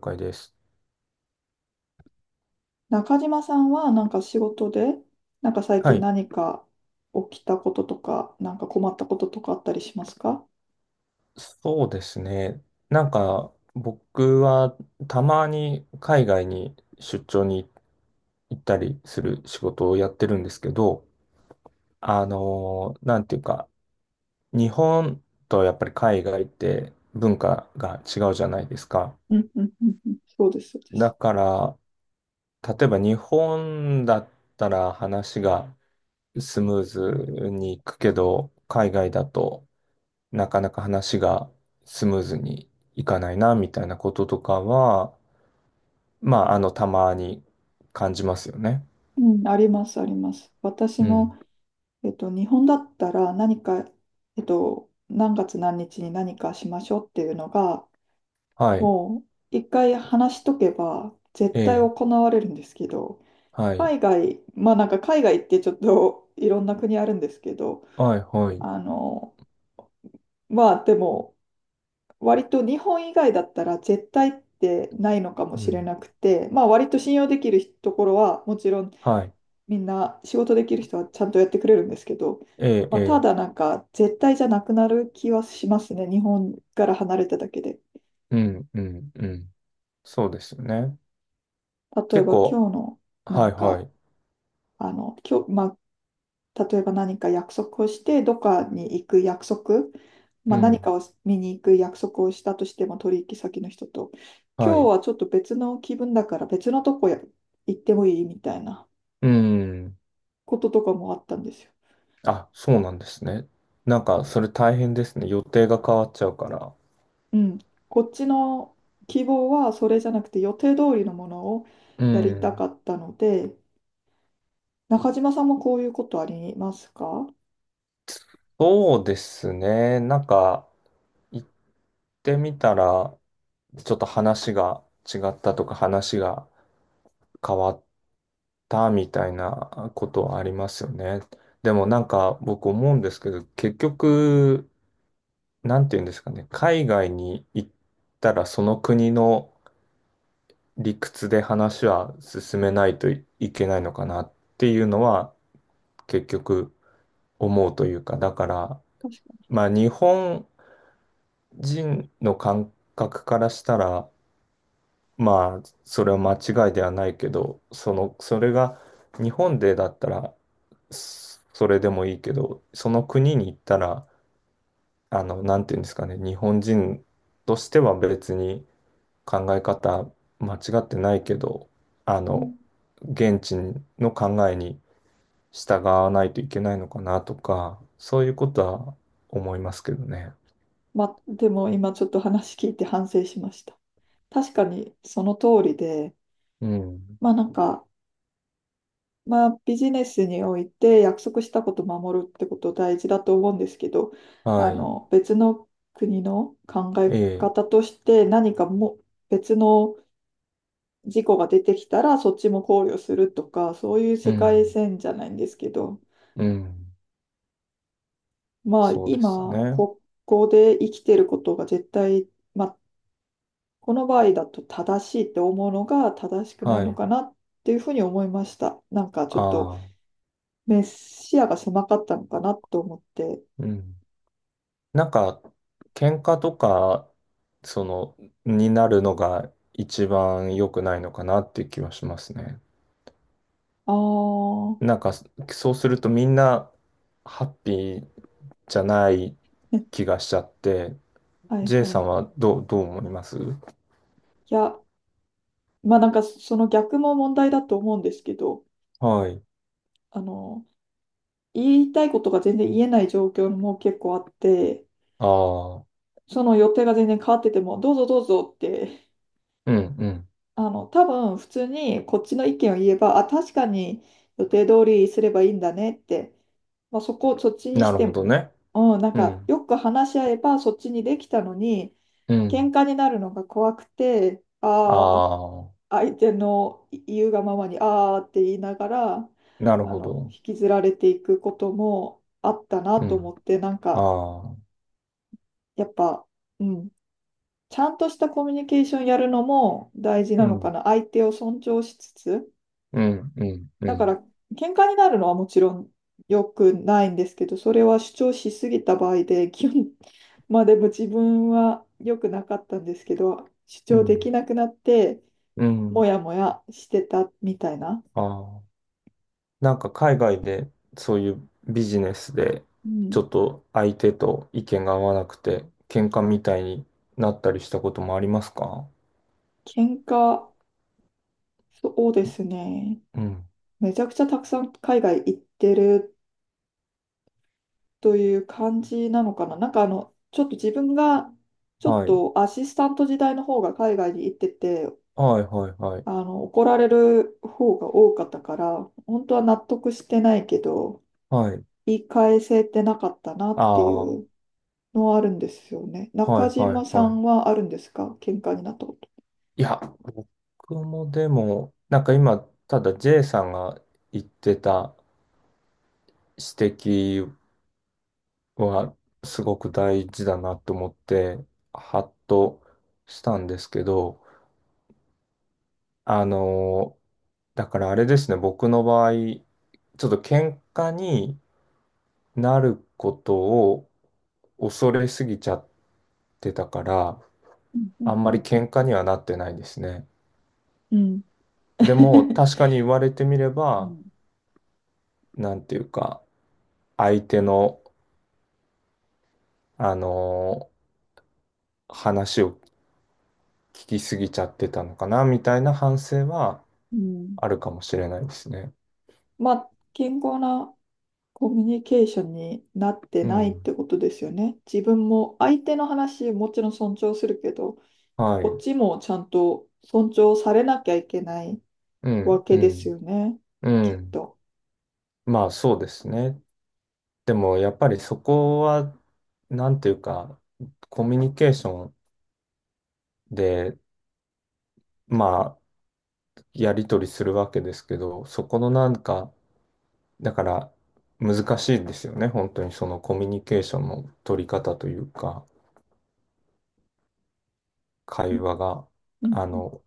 了解です。中島さんはなんか仕事で、なんか最は近い。何か起きたこととか、なんか困ったこととかあったりしますか？そうですね。なんか、僕はたまに海外に出張に行ったりする仕事をやってるんですけど、なんていうか、日本とやっぱり海外って文化が違うじゃないですか。うんうんうんうん、そうです、そうでだす。から、例えば日本だったら話がスムーズにいくけど、海外だとなかなか話がスムーズにいかないな、みたいなこととかは、まあ、あの、たまに感じますよね。うん、あります、あります。私うもん。日本だったら何か、何月何日に何かしましょうっていうのが、はい。もう一回話しとけば絶え対行え。われるんですけど、はい。海外、まあなんか海外ってちょっと いろんな国あるんですけど、はい、はい。あの、まあでも割と日本以外だったら絶対ってないのかもうしれん。なくて、まあ割と信用できるところはもちろんはい。みんな仕事できる人はちゃんとやってくれるんですけど、ええ、まあ、えたえ。だなんか絶対じゃなくなる気はしますね。日本から離れただけで。うん、うん、うん。そうですよね。例え結ば構、今日のなはい、んはか、い。今日、まあ、例えば何か約束をして、どっかに行く約束、うまあ、何ん。かを見に行く約束をしたとしても取引先の人と、は今日い。はちょっと別の気分だから別のとこや行ってもいいみたいなうん。こととかもあったんですよ。あ、そうなんですね。なんか、それ大変ですね。予定が変わっちゃうから。うん、こっちの希望はそれじゃなくて予定通りのものをうやりたん。かったので、中島さんもこういうことありますか？そうですね。なんか、一ってみたら、ちょっと話が違ったとか、話が変わったみたいなことはありますよね。でもなんか僕思うんですけど、結局、なんて言うんですかね、海外に行ったらその国の理屈で話は進めないといけないのかなっていうのは結局思うというか、だから、確かまあ日本人の感覚からしたら、まあ、それは間違いではないけど、その、それが日本でだったら、それでもいいけど、その国に行ったら、あの、なんていうんですかね、日本人としては別に考え方間違ってないけど、あに。の、現地の考えに従わないといけないのかなとか、そういうことは思いますけどね。まあ、でも今ちょっと話聞いて反省しました。確かにその通りで、うん。まあなんか、まあビジネスにおいて約束したこと守るってこと大事だと思うんですけど、はあい。の別の国の考えええ。方として何かも別の事故が出てきたらそっちも考慮するとか、そういうう世界ん。線じゃないんですけど、うん。まあそうです今、ね。ここで生きてることが絶対、まあこの場合だと正しいって思うのが正しくないはのい。かなっていうふうに思いました。なんかちょっとああ、メ視野が狭かったのかなと思って、うん。なんか、喧嘩とか、その、になるのが一番良くないのかなっていう気はしますね。ああ、なんか、そうするとみんなハッピーじゃないね、気がしちゃって、はい J はい。さいんはどう、どう思いますや、まあなんかその逆も問題だと思うんですけど、はい。あの、言いたいことが全然言えない状況も結構あって、ああ、その予定が全然変わってても、どうぞどうぞって、うん、うん。多分普通にこっちの意見を言えば、あ、確かに予定通りすればいいんだねって、まあ、そこをそっちになしるてほどね。も、うん、なんうかん、よく話し合えばそっちにできたのに、うん。喧嘩になるのが怖くて、あああ、あ、相手の言うがままに、ああって言いながら、なるほど。引きずられていくこともあったなうと思ん。って、なんあか、あ、やっぱ、うん。ちゃんとしたコミュニケーションやるのも大事なうのかん、な。相手を尊重しつつ。うん、うん、だうから、ん、喧嘩になるのはもちろん良くないんですけど、それは主張しすぎた場合で、基本、まあでも自分は良くなかったんですけど、主う張でん。きなくなって、うもんやもやしてたみたいな。ああ、なんか海外でそういうビジネスでうちょん。っと相手と意見が合わなくて喧嘩みたいになったりしたこともありますか？喧嘩、そうですね。うん。めちゃくちゃたくさん海外行ってるという感じなのかな。なんかあの、ちょっと自分が、ちょっはい。とアシスタント時代の方が海外に行ってて、はいはいはい。怒られる方が多かったから、本当は納得してないけど、はい。言い返せてなかったなあっていあ、はうのはあるんですよね。いは中い島さはい。んはあるんですか喧嘩になったこと？いや、僕もでも、なんか今、ただ J さんが言ってた指摘はすごく大事だなと思って、ハッとしたんですけど、あのだからあれですね、僕の場合、ちょっと喧嘩になることを恐れすぎちゃってたから、うんうんあんまうりん喧嘩にはなってないですね。うん。うん でも、確かに言われてみれば、なんていうか、相手の、あのー話を聞きすぎちゃってたのかな、みたいな反省はうんうんあるかもしれないですね。まあ、健康なコミュニケーションになってうないっん。てことですよね。自分も相手の話もちろん尊重するけど、はこっい。ちもちゃんと尊重されなきゃいけないうわん、うけですん、よね。うきっん。と。まあ、そうですね。でもやっぱりそこは、なんていうか、コミュニケーションで、まあ、やり取りするわけですけど、そこのなんか、だから難しいですよね、本当にそのコミュニケーションの取り方というか、う会話が、んあうんの、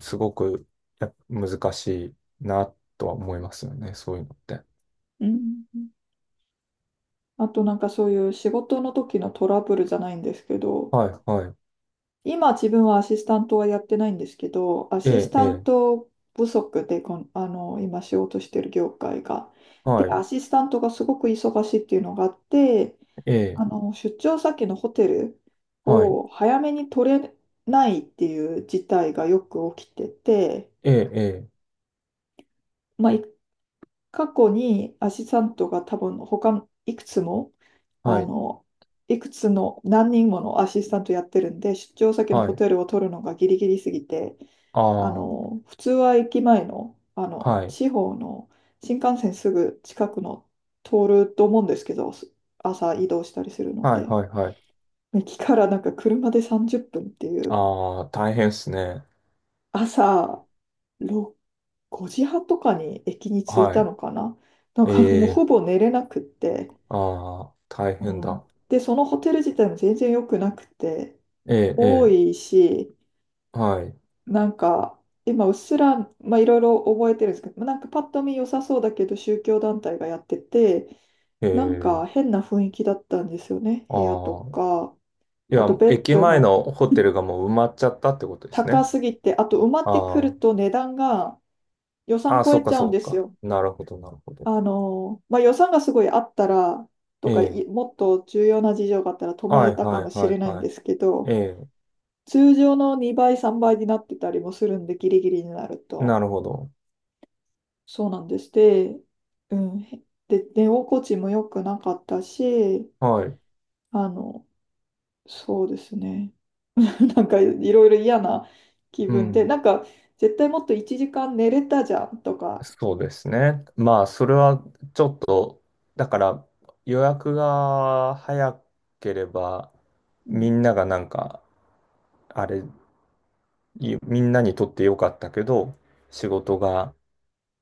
すごく難しいなとは思いますよね、そういうのって。うんあとなんかそういう仕事の時のトラブルじゃないんですけど、はい、はい、今自分はアシスタントはやってないんですけど、アえシスえ、えタンえ、ト不足で今仕事してる業界が。で、はい、アシスタントがすごく忙しいっていうのがあって、ええ、出張先のホテルはい、を早めに取れないっていう事態がよく起きてて、ええ、ええまあ、過去にアシスタントが多分他いくつも、はあい、の、いくつの何人ものアシスタントやってるんで、出張先のはホい、テルを取るのがギリギリすぎて、ああ、普通は駅前の、はい。地方の新幹線すぐ近くの通ると思うんですけど、朝移動したりするのはいで。はいはい。駅からなんか車で30分っぷんっていうああ、大変っすね。朝6 5時半とかに駅に着いはたい。のかな。なんえかもうほえ、ぼ寝れなくって、ああ、大う変ん、だ。でそのホテル自体も全然良くなくてええ、多えいしえ、はい。なんか今うっすら、まあ、いろいろ覚えてるんですけどなんかパッと見良さそうだけど宗教団体がやっててえなんかえ、変な雰囲気だったんですよね部屋とああ、かいあとや、ベッ駅ド前ものホテルがもう埋まっちゃったってことです高ね。すぎてあと埋まってくあると値段が予あ、あ算あ、超そうえか、ちゃうそんうですか。よ。なるほど、なるほど。まあ、予算がすごいあったら、とえか、え、もっと重要な事情があったら泊まはれい、たかはもい、しはれい、ないんはでい。すけえど、え、通常の2倍、3倍になってたりもするんで、ギリギリになるなと。るほど。そうなんです。で、うん。で、寝心地も良くなかったし、はい。あの、そうですね。なんか、いろいろ嫌な気う分で、ん。なんか、絶対もっと1時間寝れたじゃんとか、そうですね。まあ、それはちょっと、だから予約が早ければ、うん、みんながなんか、あれ、いみんなにとってよかったけど、仕事が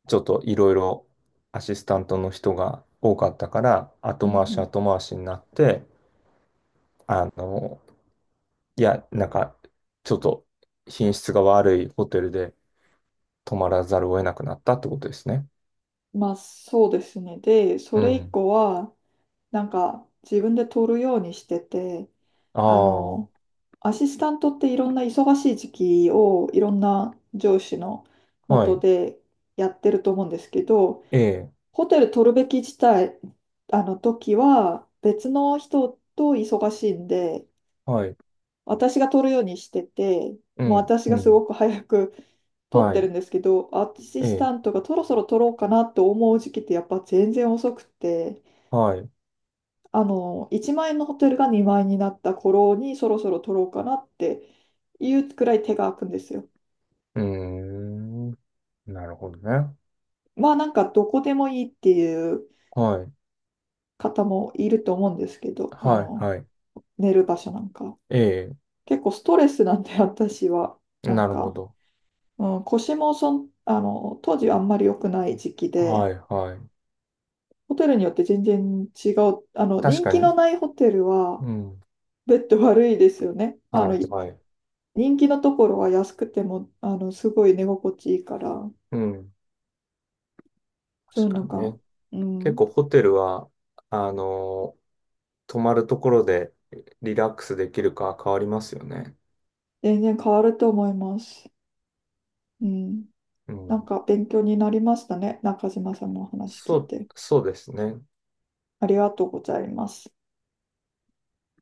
ちょっといろいろアシスタントの人が多かったから、う後回しん、後回しになって、あの、いや、なんか、ちょっと品質が悪いホテルで泊まらざるを得なくなったってことですね。まあそうですね。で、そうれ以ん。降は、なんか自分で取るようにしてて、ああの、あ、アシスタントっていろんな忙しい時期をいろんな上司のは下い。でやってると思うんですけど、ええ、ホテル取るべき自体、あの時は別の人と忙しいんで、はい。私が取るようにしてて、うもうん、私がうすん。ごく早く取っはてるい。んですけど、アシえスタえ、ントがそろそろ取ろうかなと思う時期ってやっぱ全然遅くて、はい。う1万円のホテルが2万円になった頃にそろそろ取ろうかなっていうくらい手が空くんですよ。ーん。なるほどね。まあなんかどこでもいいっていうはい。方もいると思うんですけど、はい、はい。寝る場所なんか。え結構ストレスなんで私は、え、なんなるほか、ど。うん、腰も当時はあんまり良くない時期で、はいはい。ホテルによって全然違う。確人か気のに。ないホテルは、うん。ベッド悪いですよね。はいはい。人気のところは安くても、すごい寝心地いいから、うん。そうい確うかのにが、ね。う結ん、構ホテルは、あのー泊まるところでリラックスできるか変わりますよね。全然変わると思います。うん。うなん。んか勉強になりましたね。中島さんのお話聞そいう、て。そうですね。ありがとうございます。